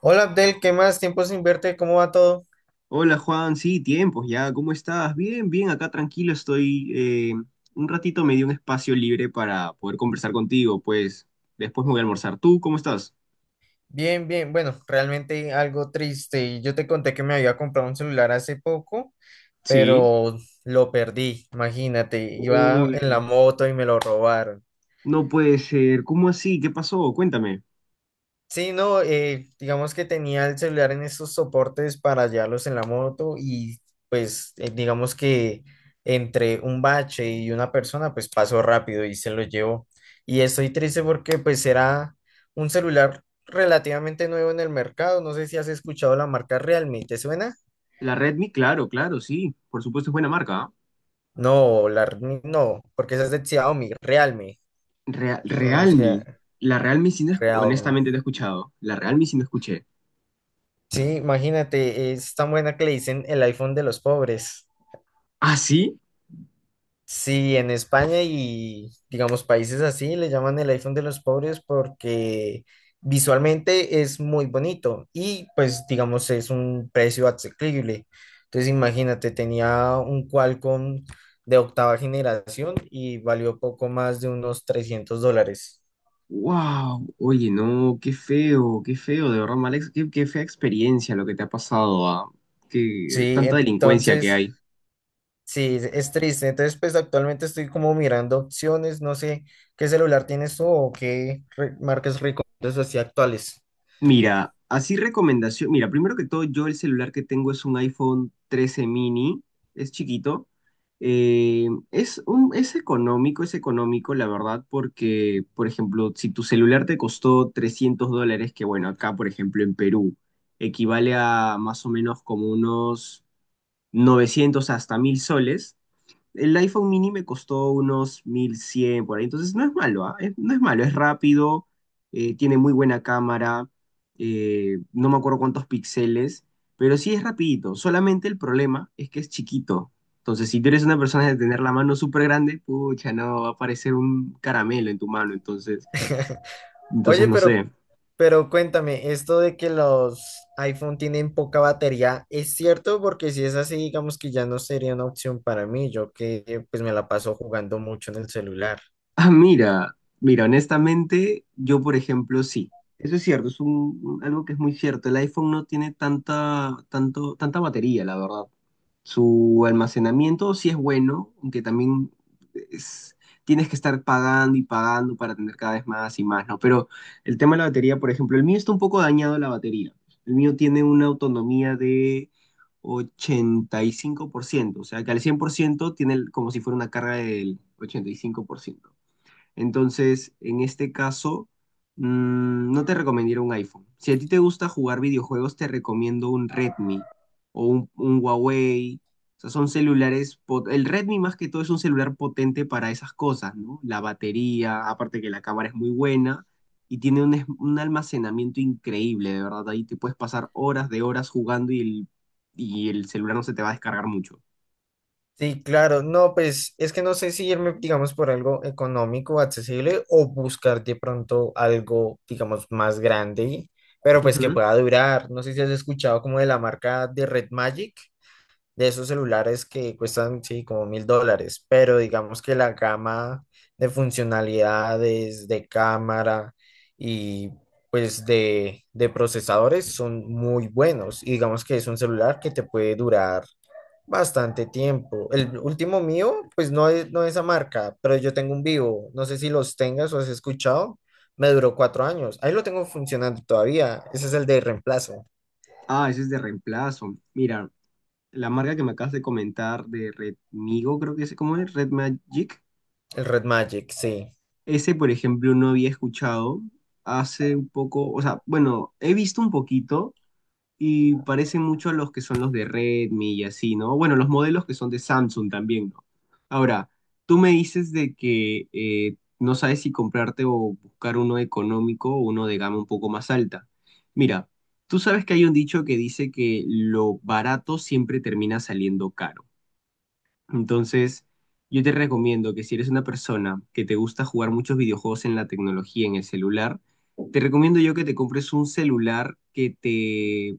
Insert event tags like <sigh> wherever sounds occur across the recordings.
Hola Abdel, ¿qué más? Tiempo sin verte, ¿cómo va todo? Hola Juan, sí, tiempos ya, ¿cómo estás? Bien, bien, acá tranquilo estoy. Un ratito me dio un espacio libre para poder conversar contigo, pues después me voy a almorzar. ¿Tú cómo estás? Bien, bien, bueno, realmente algo triste. Yo te conté que me había comprado un celular hace poco, Sí. pero lo perdí, imagínate, iba en la Uy, moto y me lo robaron. no puede ser, ¿cómo así? ¿Qué pasó? Cuéntame. Sí, no, digamos que tenía el celular en esos soportes para llevarlos en la moto y pues digamos que entre un bache y una persona pues pasó rápido y se lo llevó. Y estoy triste porque pues era un celular relativamente nuevo en el mercado. No sé si has escuchado la marca Realme, ¿te suena? La Redmi, claro, claro, sí, por supuesto es buena marca. ¿Ah? No, la, Realme no, porque esa es de Xiaomi, Realme, se Realme, pronuncia la Realme sí no, Realme. honestamente no he escuchado, la Realme sí no escuché. Sí, imagínate, es tan buena que le dicen el iPhone de los pobres. ¿Ah, sí? Sí, en España y digamos países así le llaman el iPhone de los pobres porque visualmente es muy bonito y pues digamos es un precio asequible. Entonces imagínate, tenía un Qualcomm de octava generación y valió poco más de unos $300. Wow, oye, no, qué feo, de verdad, Alex, qué fea experiencia lo que te ha pasado, ah. Qué Sí, tanta delincuencia que entonces hay. sí, es triste. Entonces pues actualmente estoy como mirando opciones, no sé qué celular tienes tú o marcas recomiendas así actuales. Mira, así recomendación, mira, primero que todo, yo el celular que tengo es un iPhone 13 mini, es chiquito, es económico, la verdad, porque, por ejemplo, si tu celular te costó $300, que bueno, acá, por ejemplo, en Perú, equivale a más o menos como unos 900 hasta 1,000 soles. El iPhone mini me costó unos 1,100, por ahí, entonces no es malo, ¿ah? No es malo, es rápido, tiene muy buena cámara, no me acuerdo cuántos píxeles, pero sí es rapidito. Solamente el problema es que es chiquito. Entonces, si tú eres una persona de tener la mano súper grande, pucha, no, va a parecer un caramelo en tu mano, entonces, <laughs> entonces Oye, no sé. pero cuéntame, esto de que los iPhone tienen poca batería, ¿es cierto? Porque si es así, digamos que ya no sería una opción para mí, yo que pues me la paso jugando mucho en el celular. Ah, mira, mira, honestamente, yo por ejemplo, sí, eso es cierto, algo que es muy cierto. El iPhone no tiene tanta batería, la verdad. Su almacenamiento sí es bueno, aunque también es- tienes que estar pagando y pagando para tener cada vez más y más, ¿no? Pero el tema de la batería, por ejemplo, el mío está un poco dañado la batería. El mío tiene una autonomía de 85%, o sea que al 100% como si fuera una carga del 85%. Entonces, en este caso, no te recomendaría un iPhone. Si a ti te gusta jugar videojuegos, te recomiendo un Redmi o un Huawei. O sea, son celulares. El Redmi más que todo es un celular potente para esas cosas, ¿no? La batería, aparte que la cámara es muy buena y tiene un almacenamiento increíble, de verdad. Ahí te puedes pasar horas de horas jugando y el celular no se te va a descargar mucho. Sí, claro, no, pues es que no sé si irme, digamos, por algo económico, accesible, o buscar de pronto algo, digamos, más grande, pero pues que Ujú. pueda durar. No sé si has escuchado como de la marca de Red Magic. De esos celulares que cuestan, sí, como $1,000, pero digamos que la gama de funcionalidades, de cámara y pues de procesadores son muy buenos. Y digamos que es un celular que te puede durar bastante tiempo. El último mío, pues no es esa marca, pero yo tengo un Vivo, no sé si los tengas o has escuchado. Me duró 4 años. Ahí lo tengo funcionando todavía. Ese es el de reemplazo, Ah, ese es de reemplazo. Mira, la marca que me acabas de comentar de Redmigo, creo que es, ¿cómo es? Red Magic. el Red Magic, sí. Ese, por ejemplo, no había escuchado hace un poco, o sea, bueno, he visto un poquito y parece mucho a los que son los de Redmi y así, ¿no? Bueno, los modelos que son de Samsung también, ¿no? Ahora, tú me dices de que no sabes si comprarte o buscar uno económico o uno de gama un poco más alta. Mira, tú sabes que hay un dicho que dice que lo barato siempre termina saliendo caro. Entonces, yo te recomiendo que si eres una persona que te gusta jugar muchos videojuegos en la tecnología, en el celular, te recomiendo yo que te compres un celular que te,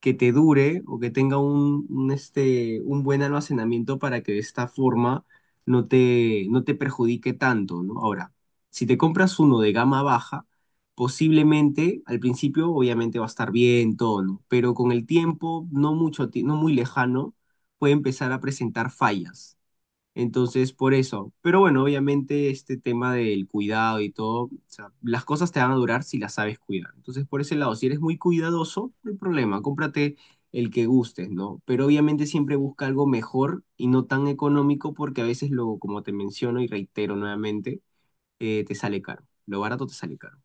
que te dure o que tenga un buen almacenamiento para que de esta forma no te perjudique tanto, ¿no? Ahora, si te compras uno de gama baja, posiblemente al principio obviamente va a estar bien todo, ¿no? Pero con el tiempo, no mucho, no muy lejano, puede empezar a presentar fallas. Entonces, por eso. Pero bueno, obviamente este tema del cuidado y todo, o sea, las cosas te van a durar si las sabes cuidar. Entonces, por ese lado, si eres muy cuidadoso, no hay problema, cómprate el que gustes, ¿no? Pero obviamente siempre busca algo mejor y no tan económico porque a veces luego, como te menciono y reitero nuevamente, te sale caro. Lo barato te sale caro.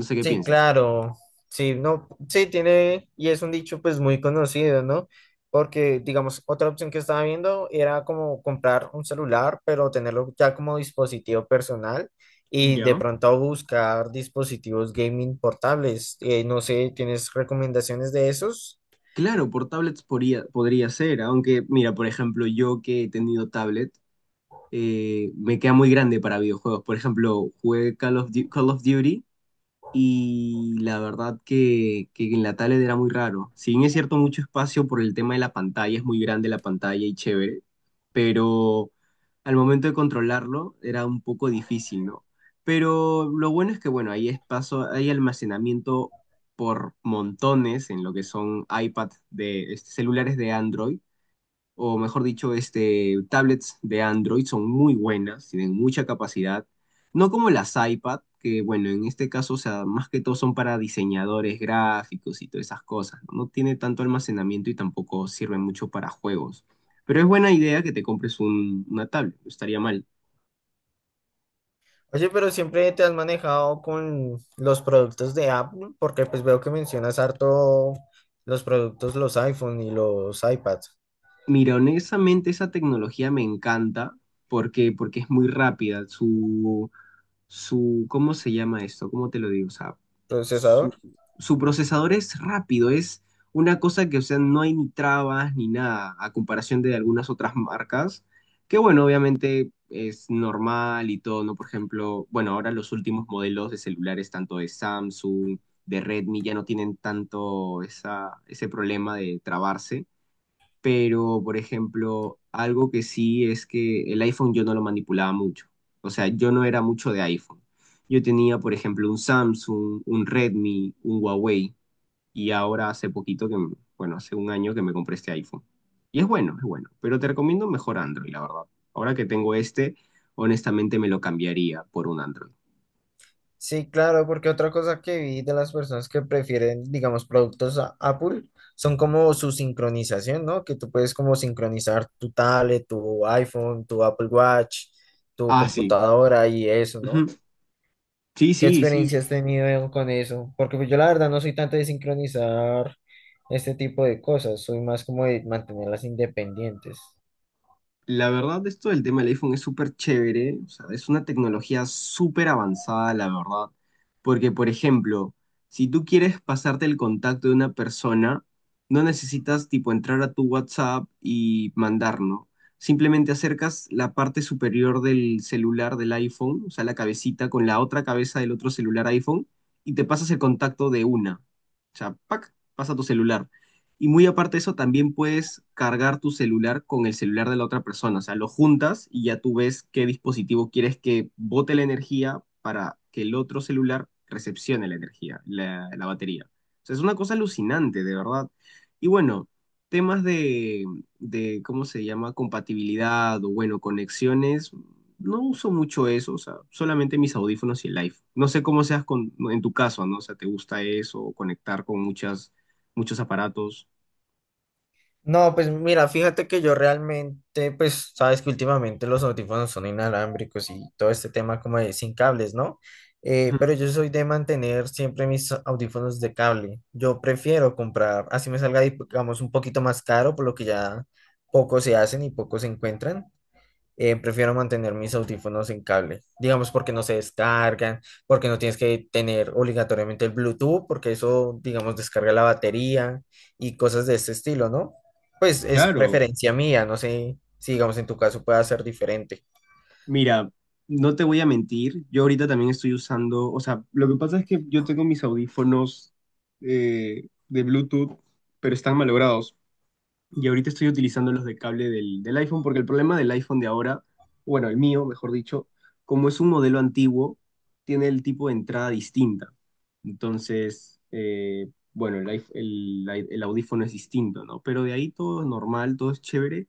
No sé qué Sí, pienses. claro. Sí, no, sí, tiene, y es un dicho pues muy conocido, ¿no? Porque, digamos, otra opción que estaba viendo era como comprar un celular, pero tenerlo ya como dispositivo personal y de Ya. pronto buscar dispositivos gaming portables. No sé, ¿tienes recomendaciones de esos? Claro, por tablets podría ser, aunque mira, por ejemplo, yo que he tenido tablet, me queda muy grande para videojuegos. Por ejemplo, jugué Call of Duty y la verdad que en la tablet era muy raro. Si bien es cierto, mucho espacio por el tema de la pantalla, es muy grande la pantalla y chévere, pero al momento de controlarlo era un poco difícil, ¿no? Pero lo bueno es que, bueno, hay espacio, hay almacenamiento por montones en lo que son iPad de este, celulares de Android o mejor dicho, este, tablets de Android son muy buenas, tienen mucha capacidad, no como las iPad, que bueno, en este caso, o sea, más que todo son para diseñadores gráficos y todas esas cosas, no. No tiene tanto almacenamiento y tampoco sirve mucho para juegos. Pero es buena idea que te compres una tablet, no estaría mal. Oye, pero siempre te has manejado con los productos de Apple, porque pues veo que mencionas harto los productos, los iPhone y los iPads, Mira, honestamente esa tecnología me encanta porque, porque es muy rápida. ¿Cómo se llama esto? ¿Cómo te lo digo? O sea, su, procesador. su procesador es rápido, es una cosa que, o sea, no hay ni trabas ni nada, a comparación de algunas otras marcas, que bueno, obviamente es normal y todo, ¿no? Por ejemplo, bueno, ahora los últimos modelos de celulares, tanto de Samsung, de Redmi, ya no tienen tanto ese problema de trabarse, pero por ejemplo, algo que sí es que el iPhone yo no lo manipulaba mucho. O sea, yo no era mucho de iPhone. Yo tenía, por ejemplo, un Samsung, un Redmi, un Huawei y ahora hace poquito que, bueno, hace un año que me compré este iPhone. Y es bueno, pero te recomiendo mejor Android, la verdad. Ahora que tengo este, honestamente me lo cambiaría por un Android. Sí, claro, porque otra cosa que vi de las personas que prefieren, digamos, productos Apple son como su sincronización, ¿no? Que tú puedes como sincronizar tu tablet, tu iPhone, tu Apple Watch, tu Ah, sí. computadora y eso, Ujú. ¿no? Sí, ¿Qué sí, sí. experiencia has tenido con eso? Porque pues yo la verdad no soy tanto de sincronizar este tipo de cosas, soy más como de mantenerlas independientes. La verdad, esto del tema del iPhone es súper chévere, o sea, es una tecnología súper avanzada, la verdad, porque, por ejemplo, si tú quieres pasarte el contacto de una persona, no necesitas, tipo, entrar a tu WhatsApp y mandar, ¿no? Simplemente acercas la parte superior del celular del iPhone, o sea, la cabecita con la otra cabeza del otro celular iPhone, y te pasas el contacto de una. O sea, ¡pac! Pasa tu celular. Y muy aparte de eso, también puedes cargar tu celular con el celular de la otra persona. O sea, lo juntas y ya tú ves qué dispositivo quieres que bote la energía para que el otro celular recepcione la energía, la batería. O sea, es una cosa alucinante, de verdad. Y bueno, temas de, ¿cómo se llama? Compatibilidad o, bueno, conexiones. No uso mucho eso, o sea, solamente mis audífonos y el live. No sé cómo seas en tu caso, ¿no? O sea, ¿te gusta eso, conectar con muchos aparatos? No, pues mira, fíjate que yo realmente, pues sabes que últimamente los audífonos son inalámbricos y todo este tema como de sin cables, ¿no? Ujú. Pero yo soy de mantener siempre mis audífonos de cable. Yo prefiero comprar, así me salga, digamos, un poquito más caro, por lo que ya pocos se hacen y pocos se encuentran, prefiero mantener mis audífonos en cable, digamos porque no se descargan, porque no tienes que tener obligatoriamente el Bluetooth, porque eso, digamos, descarga la batería y cosas de este estilo, ¿no? Pues es Claro, preferencia mía, no sé si, digamos, en tu caso pueda ser diferente. mira, no te voy a mentir, yo ahorita también estoy usando, o sea, lo que pasa es que yo tengo mis audífonos de Bluetooth, pero están malogrados. Y ahorita estoy utilizando los de cable del iPhone, porque el problema del iPhone de ahora, bueno, el mío, mejor dicho, como es un modelo antiguo, tiene el tipo de entrada distinta. Entonces, bueno, el, iPh- el audífono es distinto, ¿no? Pero de ahí todo es normal, todo es chévere.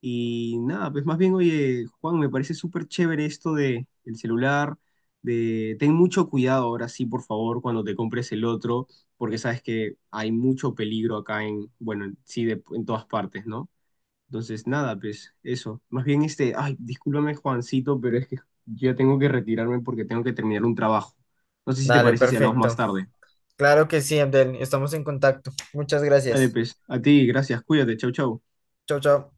Y nada, pues más bien, oye, Juan, me parece súper chévere esto de el celular, de ten mucho cuidado ahora sí, por favor, cuando te compres el otro, porque sabes que hay mucho peligro acá bueno, sí, en todas partes, ¿no? Entonces, nada, pues eso. Más bien este, ay, discúlpame, Juancito, pero es que ya tengo que retirarme porque tengo que terminar un trabajo. No sé si te Dale, parece si hablamos más perfecto. tarde. Claro que sí, Abdel, estamos en contacto. Muchas Dale, gracias. pues, a ti, gracias, cuídate, chau, chau. Chao, chao.